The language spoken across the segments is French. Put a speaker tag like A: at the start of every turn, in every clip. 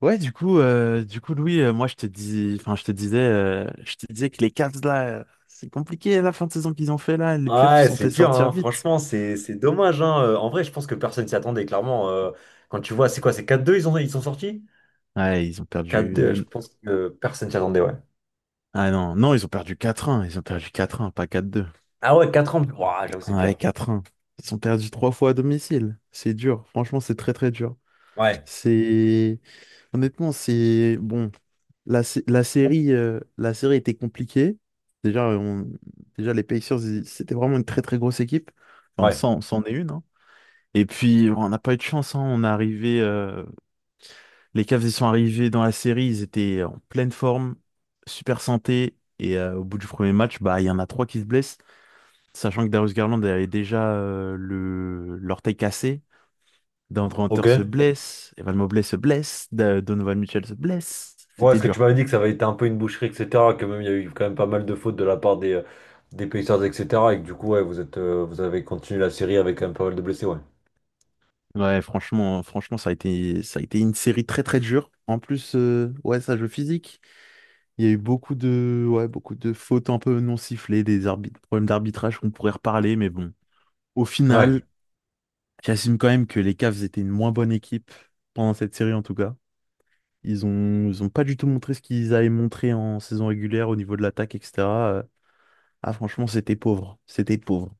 A: Ouais, du coup, Louis, moi, enfin, je te disais que les Cavs là, c'est compliqué la fin de saison qu'ils ont fait là. Les playoffs, ils se
B: Ouais,
A: sont
B: c'est
A: fait
B: dur,
A: sortir
B: hein.
A: vite.
B: Franchement, c'est dommage, hein. En vrai, je pense que personne s'y attendait, clairement. Quand tu vois, c'est quoi, c'est 4-2. Ils sont sortis?
A: Ouais, ils ont
B: 4-2. Je
A: perdu.
B: pense que personne s'y attendait, ouais.
A: Ah non, non, ils ont perdu quatre 1. Ils ont perdu quatre 1, pas 4-2.
B: Ah ouais, 4 ans, ouah, j'avoue, c'est
A: Ouais,
B: dur.
A: quatre 1. Ils ont perdu trois fois à domicile. C'est dur. Franchement, c'est très très dur.
B: Ouais,
A: C'est Honnêtement, c'est bon. La la série était compliquée. Déjà, on... Déjà les Pacers, c'était vraiment une très très grosse équipe. Enfin,
B: ouais,
A: c'en est une, hein. Et puis, on n'a pas eu de chance, hein. Les Cavs, ils sont arrivés dans la série. Ils étaient en pleine forme, super santé. Et au bout du premier match, bah, il y en a trois qui se blessent. Sachant que Darius Garland avait déjà l'orteil cassé. Deandre Hunter
B: ok.
A: se blesse. Evan Mobley se blesse. Donovan Mitchell se blesse.
B: Ouais,
A: C'était
B: est-ce que tu
A: dur.
B: m'avais dit que ça avait été un peu une boucherie, etc., que même il y a eu quand même pas mal de fautes de la part des Pacers, etc., et que du coup, ouais, vous avez continué la série avec quand même pas mal de blessés, ouais.
A: Ouais, franchement, ça a été une série très très dure. En plus, ouais, ça joue physique. Il y a eu beaucoup de fautes un peu non sifflées, des problèmes d'arbitrage qu'on pourrait reparler, mais bon. Au
B: Ouais.
A: final, j'assume quand même que les Cavs étaient une moins bonne équipe pendant cette série en tout cas. Ils ont pas du tout montré ce qu'ils avaient montré en saison régulière au niveau de l'attaque, etc. Euh, Ah, franchement, c'était pauvre, c'était pauvre.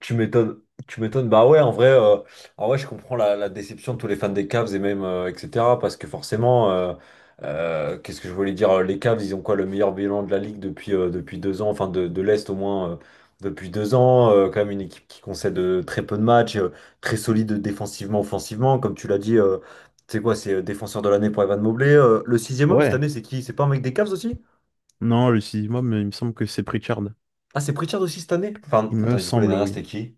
B: Tu m'étonnes, tu m'étonnes. Bah ouais, en vrai, je comprends la déception de tous les fans des Cavs et même etc. Parce que forcément, qu'est-ce que je voulais dire? Les Cavs, ils ont quoi le meilleur bilan de la ligue depuis deux ans, enfin de l'Est au moins depuis deux ans. Quand même une équipe qui concède très peu de matchs, très solide défensivement, offensivement, comme tu l'as dit. C'est quoi? C'est défenseur de l'année pour Evan Mobley. Le sixième homme cette
A: Ouais.
B: année, c'est qui? C'est pas un mec des Cavs aussi?
A: Non, le sixième moi, il me semble que c'est Pritchard.
B: Ah, c'est Pritchard aussi cette année? Enfin,
A: Il me
B: attends, et du coup, l'année
A: semble,
B: dernière,
A: oui.
B: c'était qui?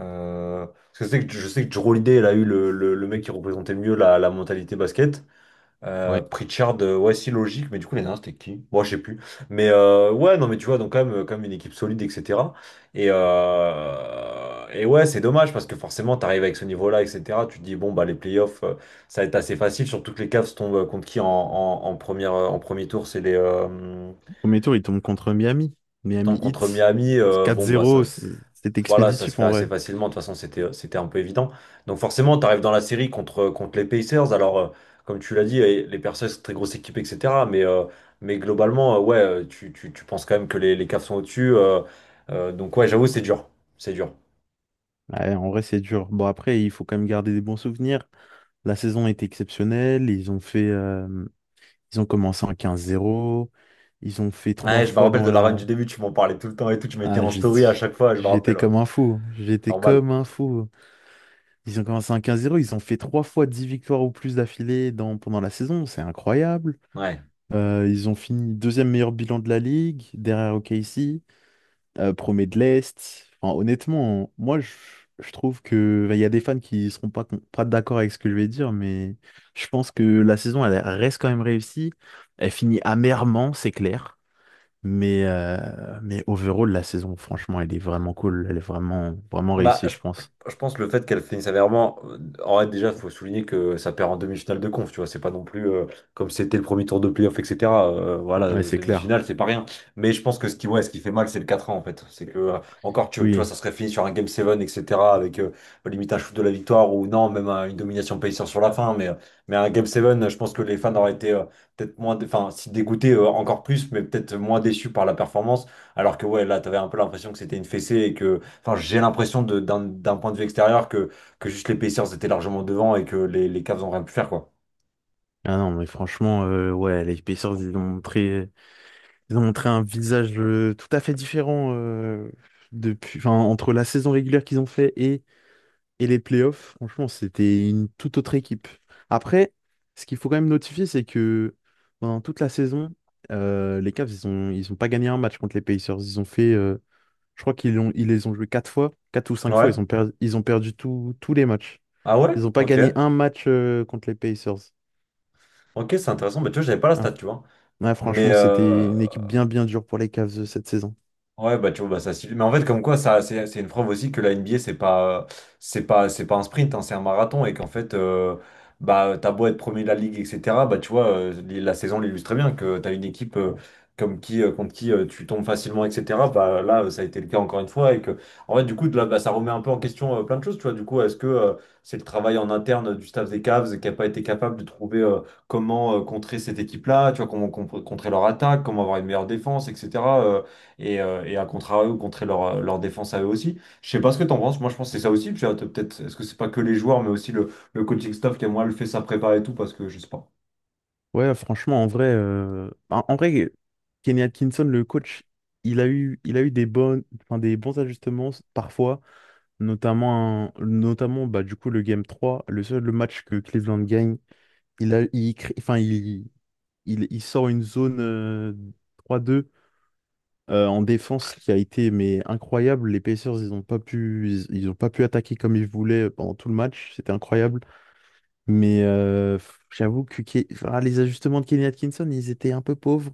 B: Parce que je sais que Jrue Holiday, elle a eu le mec qui représentait mieux la mentalité basket.
A: Ouais.
B: Pritchard, ouais, si logique, mais du coup, les nains, c'était qui? Moi, je sais plus. Mais ouais, non, mais tu vois, donc quand même une équipe solide, etc. Et ouais, c'est dommage parce que forcément, t'arrives avec ce niveau-là, etc. Tu te dis, bon, bah, les playoffs, ça va être assez facile, surtout que les Cavs tombent contre qui en premier tour, c'est les.
A: Premier tour, il tombe contre Miami.
B: Ils
A: Miami
B: tombent contre
A: Heat.
B: Miami,
A: quatre
B: bon bah
A: zéro.
B: ça,
A: C'est
B: voilà, ça se
A: expéditif
B: fait
A: en
B: assez
A: vrai.
B: facilement. De toute façon, c'était un peu évident. Donc forcément, tu arrives dans la série contre les Pacers. Alors, comme tu l'as dit, eh, les Pacers, c'est une très grosse équipe, etc. Mais globalement, ouais, tu penses quand même que les Cavs sont au-dessus. Donc ouais, j'avoue, c'est dur. C'est dur.
A: Ouais, en vrai, c'est dur. Bon, après, il faut quand même garder des bons souvenirs. La saison a été exceptionnelle. Ils ont commencé en 15-0. Ils ont fait trois
B: Ouais, je me
A: fois
B: rappelle
A: dans
B: de la run du
A: la.
B: début, tu m'en parlais tout le temps et tout. Tu mettais
A: Ah,
B: en story à chaque fois, je me rappelle,
A: j'étais
B: ouais.
A: comme un fou. J'étais
B: Normal.
A: comme un fou. Ils ont commencé en quinze zéro. Ils ont fait trois fois 10 victoires ou plus d'affilée pendant la saison. C'est incroyable.
B: Ouais.
A: Ils ont fini deuxième meilleur bilan de la ligue, derrière OKC. Premier de l'Est. Enfin, honnêtement, moi, je trouve que bah, il y a des fans qui seront pas d'accord avec ce que je vais dire, mais je pense que la saison, elle reste quand même réussie. Elle finit amèrement, c'est clair. Mais overall, la saison, franchement, elle est vraiment cool. Elle est vraiment, vraiment
B: Bah,
A: réussie, je
B: je-
A: pense.
B: je pense que le fait qu'elle finisse sévèrement, en vrai, déjà, il faut souligner que ça perd en demi-finale de conf, tu vois, c'est pas non plus comme c'était le premier tour de playoff, etc. Voilà,
A: Ouais, c'est clair.
B: demi-finale, c'est pas rien. Mais je pense que ce qui fait mal, c'est le 4 ans, en fait. C'est que, encore, tu vois,
A: Oui.
B: ça serait fini sur un Game 7, etc., avec limite un shoot de la victoire, ou non, même une domination Pacers sur la fin, mais un Game 7, je pense que les fans auraient été peut-être moins, enfin, si dégoûtés encore plus, mais peut-être moins déçus par la performance, alors que, ouais, là, t'avais un peu l'impression que c'était une fessée et que. Enfin, j'ai l'impression d'un point de vue extérieur que juste les Pacers étaient largement devant et que les Cavs n'ont rien pu faire, quoi.
A: Ah non, mais franchement, ouais, les Pacers, ils ont montré un visage tout à fait différent depuis, enfin, entre la saison régulière qu'ils ont fait et les playoffs, franchement, c'était une toute autre équipe. Après, ce qu'il faut quand même notifier, c'est que pendant toute la saison, les Cavs, ils ont pas gagné un match contre les Pacers. Je crois qu'ils les ont joués quatre fois, quatre ou cinq fois.
B: Ouais.
A: Ils ont perdu tous les matchs.
B: Ah ouais?
A: Ils n'ont pas
B: Ok.
A: gagné un match contre les Pacers.
B: Ok, c'est intéressant. Mais tu vois, j'avais pas la
A: Ah,
B: stat, tu vois.
A: ouais,
B: Mais,
A: franchement, c'était
B: euh,
A: une équipe bien, bien dure pour les Cavs cette saison.
B: Ouais, bah tu vois, bah, ça suffit. Mais en fait, comme quoi, ça, c'est une preuve aussi que la NBA, c'est pas un sprint, hein, c'est un marathon. Et qu'en fait, bah, t'as beau être premier de la ligue, etc. Bah, tu vois, la saison l'illustre très bien que t'as une équipe contre qui tu tombes facilement, etc. Bah, là, ça a été le cas encore une fois. Et que, en fait, du coup, de là, bah, ça remet un peu en question plein de choses. Tu vois, du coup, est-ce que c'est le travail en interne du staff des Cavs qui a pas été capable de trouver comment contrer cette équipe-là, tu vois, comment contrer leur attaque, comment avoir une meilleure défense, etc. Et à contrario, contrer leur défense à eux aussi. Je sais pas ce que t'en penses, moi je pense que c'est ça aussi, puis peut-être, est-ce que c'est pas que les joueurs, mais aussi le coaching staff qui a moins le fait sa prépa et tout, parce que je sais pas.
A: Ouais, franchement, en vrai, Kenny Atkinson, le coach, il a eu des bonnes, enfin, des bons ajustements parfois, notamment bah, du coup, le Game 3, le match que Cleveland gagne, il a, il crée- enfin, il sort une zone 3-2 en défense qui a été mais incroyable. Les Pacers, ils ont pas pu, ils ont pas pu attaquer comme ils voulaient pendant tout le match, c'était incroyable. Mais j'avoue que les ajustements de Kenny Atkinson, ils étaient un peu pauvres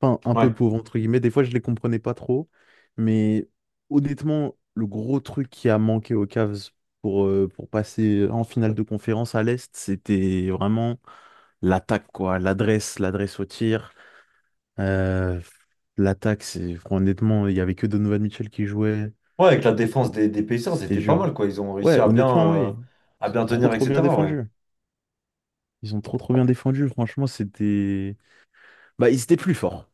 A: enfin, un peu
B: Ouais.
A: pauvres, entre guillemets. Des fois, je les comprenais pas trop. Mais honnêtement, le gros truc qui a manqué aux Cavs pour passer en finale de conférence à l'Est, c'était vraiment l'attaque, quoi. L'adresse, l'adresse au tir. Euh, L'attaque, c'est honnêtement, il y avait que Donovan Mitchell qui jouait.
B: Ouais, avec la défense des Pacers,
A: C'était
B: c'était pas
A: dur.
B: mal, quoi. Ils ont réussi
A: Ouais,
B: à bien,
A: honnêtement,
B: euh,
A: oui.
B: à
A: Ils ont
B: bien
A: trop,
B: tenir,
A: trop bien
B: etc. Ouais.
A: défendu. Ils ont trop, trop bien défendu. Franchement, c'était. Bah, ils étaient plus forts.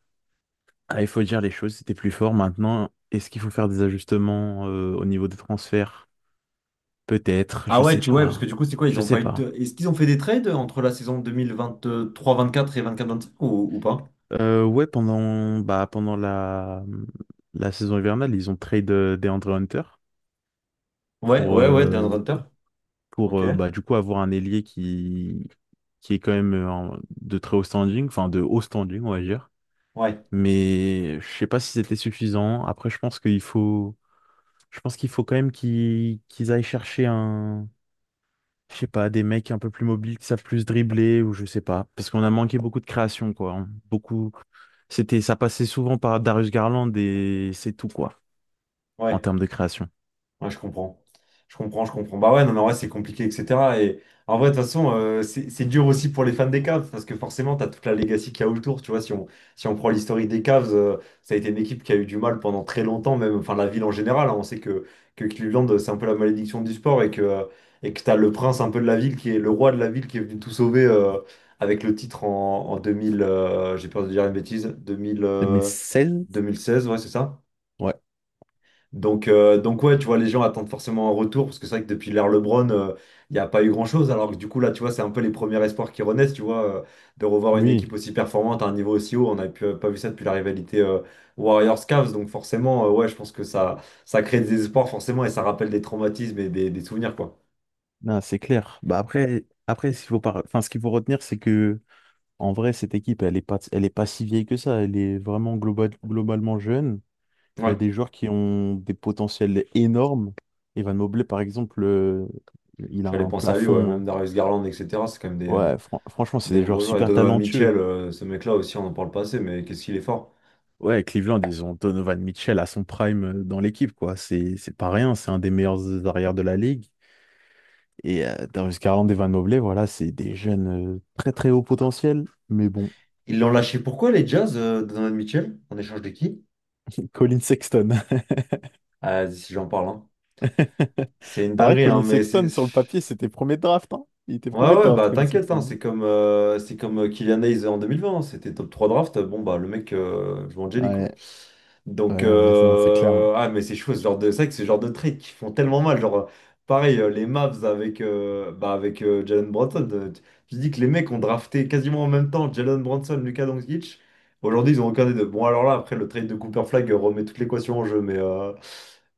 A: Ah, il faut dire les choses, c'était plus fort maintenant. Est-ce qu'il faut faire des ajustements au niveau des transferts? Peut-être,
B: Ah
A: je
B: ouais,
A: sais
B: tu vois, parce que
A: pas.
B: du coup, c'est quoi? Ils
A: Je
B: ont
A: sais
B: pas eu
A: pas.
B: de... Est-ce qu'ils ont fait des trades entre la saison 2023-24 et 24-25 ou pas?
A: Ouais, pendant la saison hivernale, ils ont trade DeAndre Hunter
B: Ouais,
A: pour,
B: ouais, ouais, DeAndre
A: euh,
B: Hunter.
A: pour
B: Ok.
A: euh, bah, du coup avoir un ailier qui est quand même de très haut standing, enfin de haut standing, on va dire.
B: Ouais,
A: Mais je sais pas si c'était suffisant. Après, je pense qu'il faut quand même qu'ils aillent chercher je sais pas, des mecs un peu plus mobiles qui savent plus dribbler ou je sais pas. Parce qu'on a manqué beaucoup de création, quoi, hein. Beaucoup. Ça passait souvent par Darius Garland et c'est tout, quoi, en
B: ouais.
A: termes de création.
B: Ouais, je comprends. Je comprends, je comprends. Bah ouais, non, mais en vrai, c'est compliqué, etc. Et en vrai, de toute façon, c'est dur aussi pour les fans des Cavs, parce que forcément, t'as toute la legacy qu'il y a autour. Tu vois, si on prend l'historique des Cavs, ça a été une équipe qui a eu du mal pendant très longtemps, même, enfin, la ville en général, hein. On sait que Cleveland, c'est un peu la malédiction du sport et que t'as le prince un peu de la ville, qui est le roi de la ville, qui est venu tout sauver avec le titre en 2000, j'ai peur de dire une bêtise, 2000, deux
A: 2016?
B: mille seize, ouais, c'est ça?
A: Ouais,
B: Donc ouais, tu vois, les gens attendent forcément un retour, parce que c'est vrai que depuis l'ère LeBron, il n'y a pas eu grand-chose, alors que du coup, là, tu vois, c'est un peu les premiers espoirs qui renaissent, tu vois, de revoir une
A: oui,
B: équipe aussi performante à un niveau aussi haut. On n'a pas vu ça depuis la rivalité Warriors-Cavs, donc forcément, ouais, je pense que ça crée des espoirs, forcément, et ça rappelle des traumatismes et des souvenirs, quoi.
A: non, c'est clair. Bah après, ce qu'il faut retenir, c'est que en vrai, cette équipe, elle est pas si vieille que ça. Elle est vraiment globalement jeune. Il y a
B: Ouais,
A: des joueurs qui ont des potentiels énormes. Evan Mobley, par exemple, il a
B: j'allais
A: un
B: penser à lui, ouais,
A: plafond, hein.
B: même Darius Garland, etc., c'est quand même des, euh,
A: Ouais, franchement, c'est
B: des
A: des joueurs
B: gros joueurs. Et
A: super
B: Donovan
A: talentueux.
B: Mitchell, ce mec-là aussi, on en parle pas assez, mais qu'est-ce qu'il est fort.
A: Ouais, Cleveland, ils ont Donovan Mitchell à son prime dans l'équipe, quoi. C'est pas rien, c'est un des meilleurs arrières de la ligue. Et Darius Garland, Evan Mobley, voilà, c'est des jeunes très très haut potentiel. Mais bon,
B: Ils l'ont lâché pourquoi, les Jazz, Donovan Mitchell, en échange de qui?
A: Colin Sexton.
B: Ah, si j'en parle, hein. C'est une
A: Ah ouais,
B: dinguerie, hein,
A: Colin
B: mais c'est.
A: Sexton, sur le papier, c'était premier draft, hein. Il était
B: Ouais,
A: premier
B: ouais,
A: draft,
B: bah
A: Colin
B: t'inquiète, hein,
A: Sexton.
B: c'est comme Kylian Hayes en 2020, hein, c'était top 3 draft, bon bah le mec joue en jelly, quoi.
A: Ouais,
B: Donc,
A: ouais, ouais, non, c'est clair, hein.
B: ah, mais c'est chaud, ce genre de. C'est vrai que ce genre de trades qui font tellement mal, genre, pareil, les Mavs avec Jalen Brunson, tu dis que les mecs ont drafté quasiment en même temps Jalen Brunson, Luka Doncic, aujourd'hui ils ont aucun des deux. Bon, alors là, après le trade de Cooper Flag remet toute l'équation en jeu,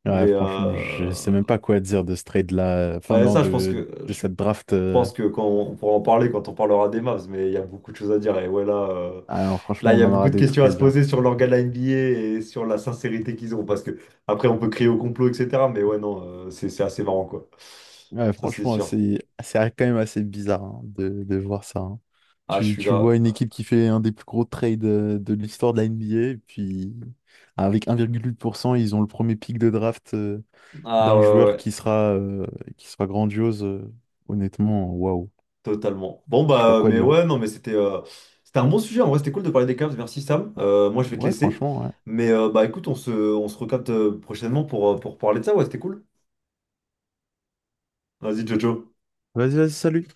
A: Ouais,
B: mais,
A: franchement, je sais même
B: euh,
A: pas quoi dire de ce trade-là. Enfin,
B: Bah,
A: non,
B: ça, je pense
A: de,
B: que
A: de
B: je
A: cette draft.
B: pense que quand on pourra en parler quand on parlera des Mavs, mais il y a beaucoup de choses à dire. Et ouais, là, euh,
A: Ah non,
B: là,
A: franchement,
B: il y
A: on
B: a
A: en
B: beaucoup
A: aura
B: de
A: des
B: questions
A: trucs
B: à
A: à
B: se
A: dire.
B: poser sur l'organe de la NBA et sur la sincérité qu'ils ont. Parce que après, on peut crier au complot, etc. Mais ouais, non, c'est assez marrant, quoi.
A: Ouais,
B: Ça, c'est
A: franchement,
B: sûr.
A: c'est quand même assez bizarre hein, de voir ça, hein.
B: Ah, je
A: Tu,
B: suis
A: tu
B: grave.
A: vois une équipe qui fait un des plus gros trades de l'histoire de la NBA, et puis avec 1,8%, ils ont le premier pick de draft
B: Ah
A: d'un
B: ouais, ouais,
A: joueur
B: ouais,
A: qui sera grandiose. Honnêtement, waouh.
B: totalement. Bon
A: Je sais pas
B: bah,
A: quoi
B: mais
A: dire.
B: ouais, non, mais c'était un bon sujet. En vrai, c'était cool de parler des Cavs. Merci Sam. Moi, je vais te
A: Ouais,
B: laisser.
A: franchement, ouais.
B: Mais bah, écoute, on se recapte prochainement pour parler de ça. Ouais, c'était cool. Vas-y, Jojo.
A: Vas-y, vas-y, salut.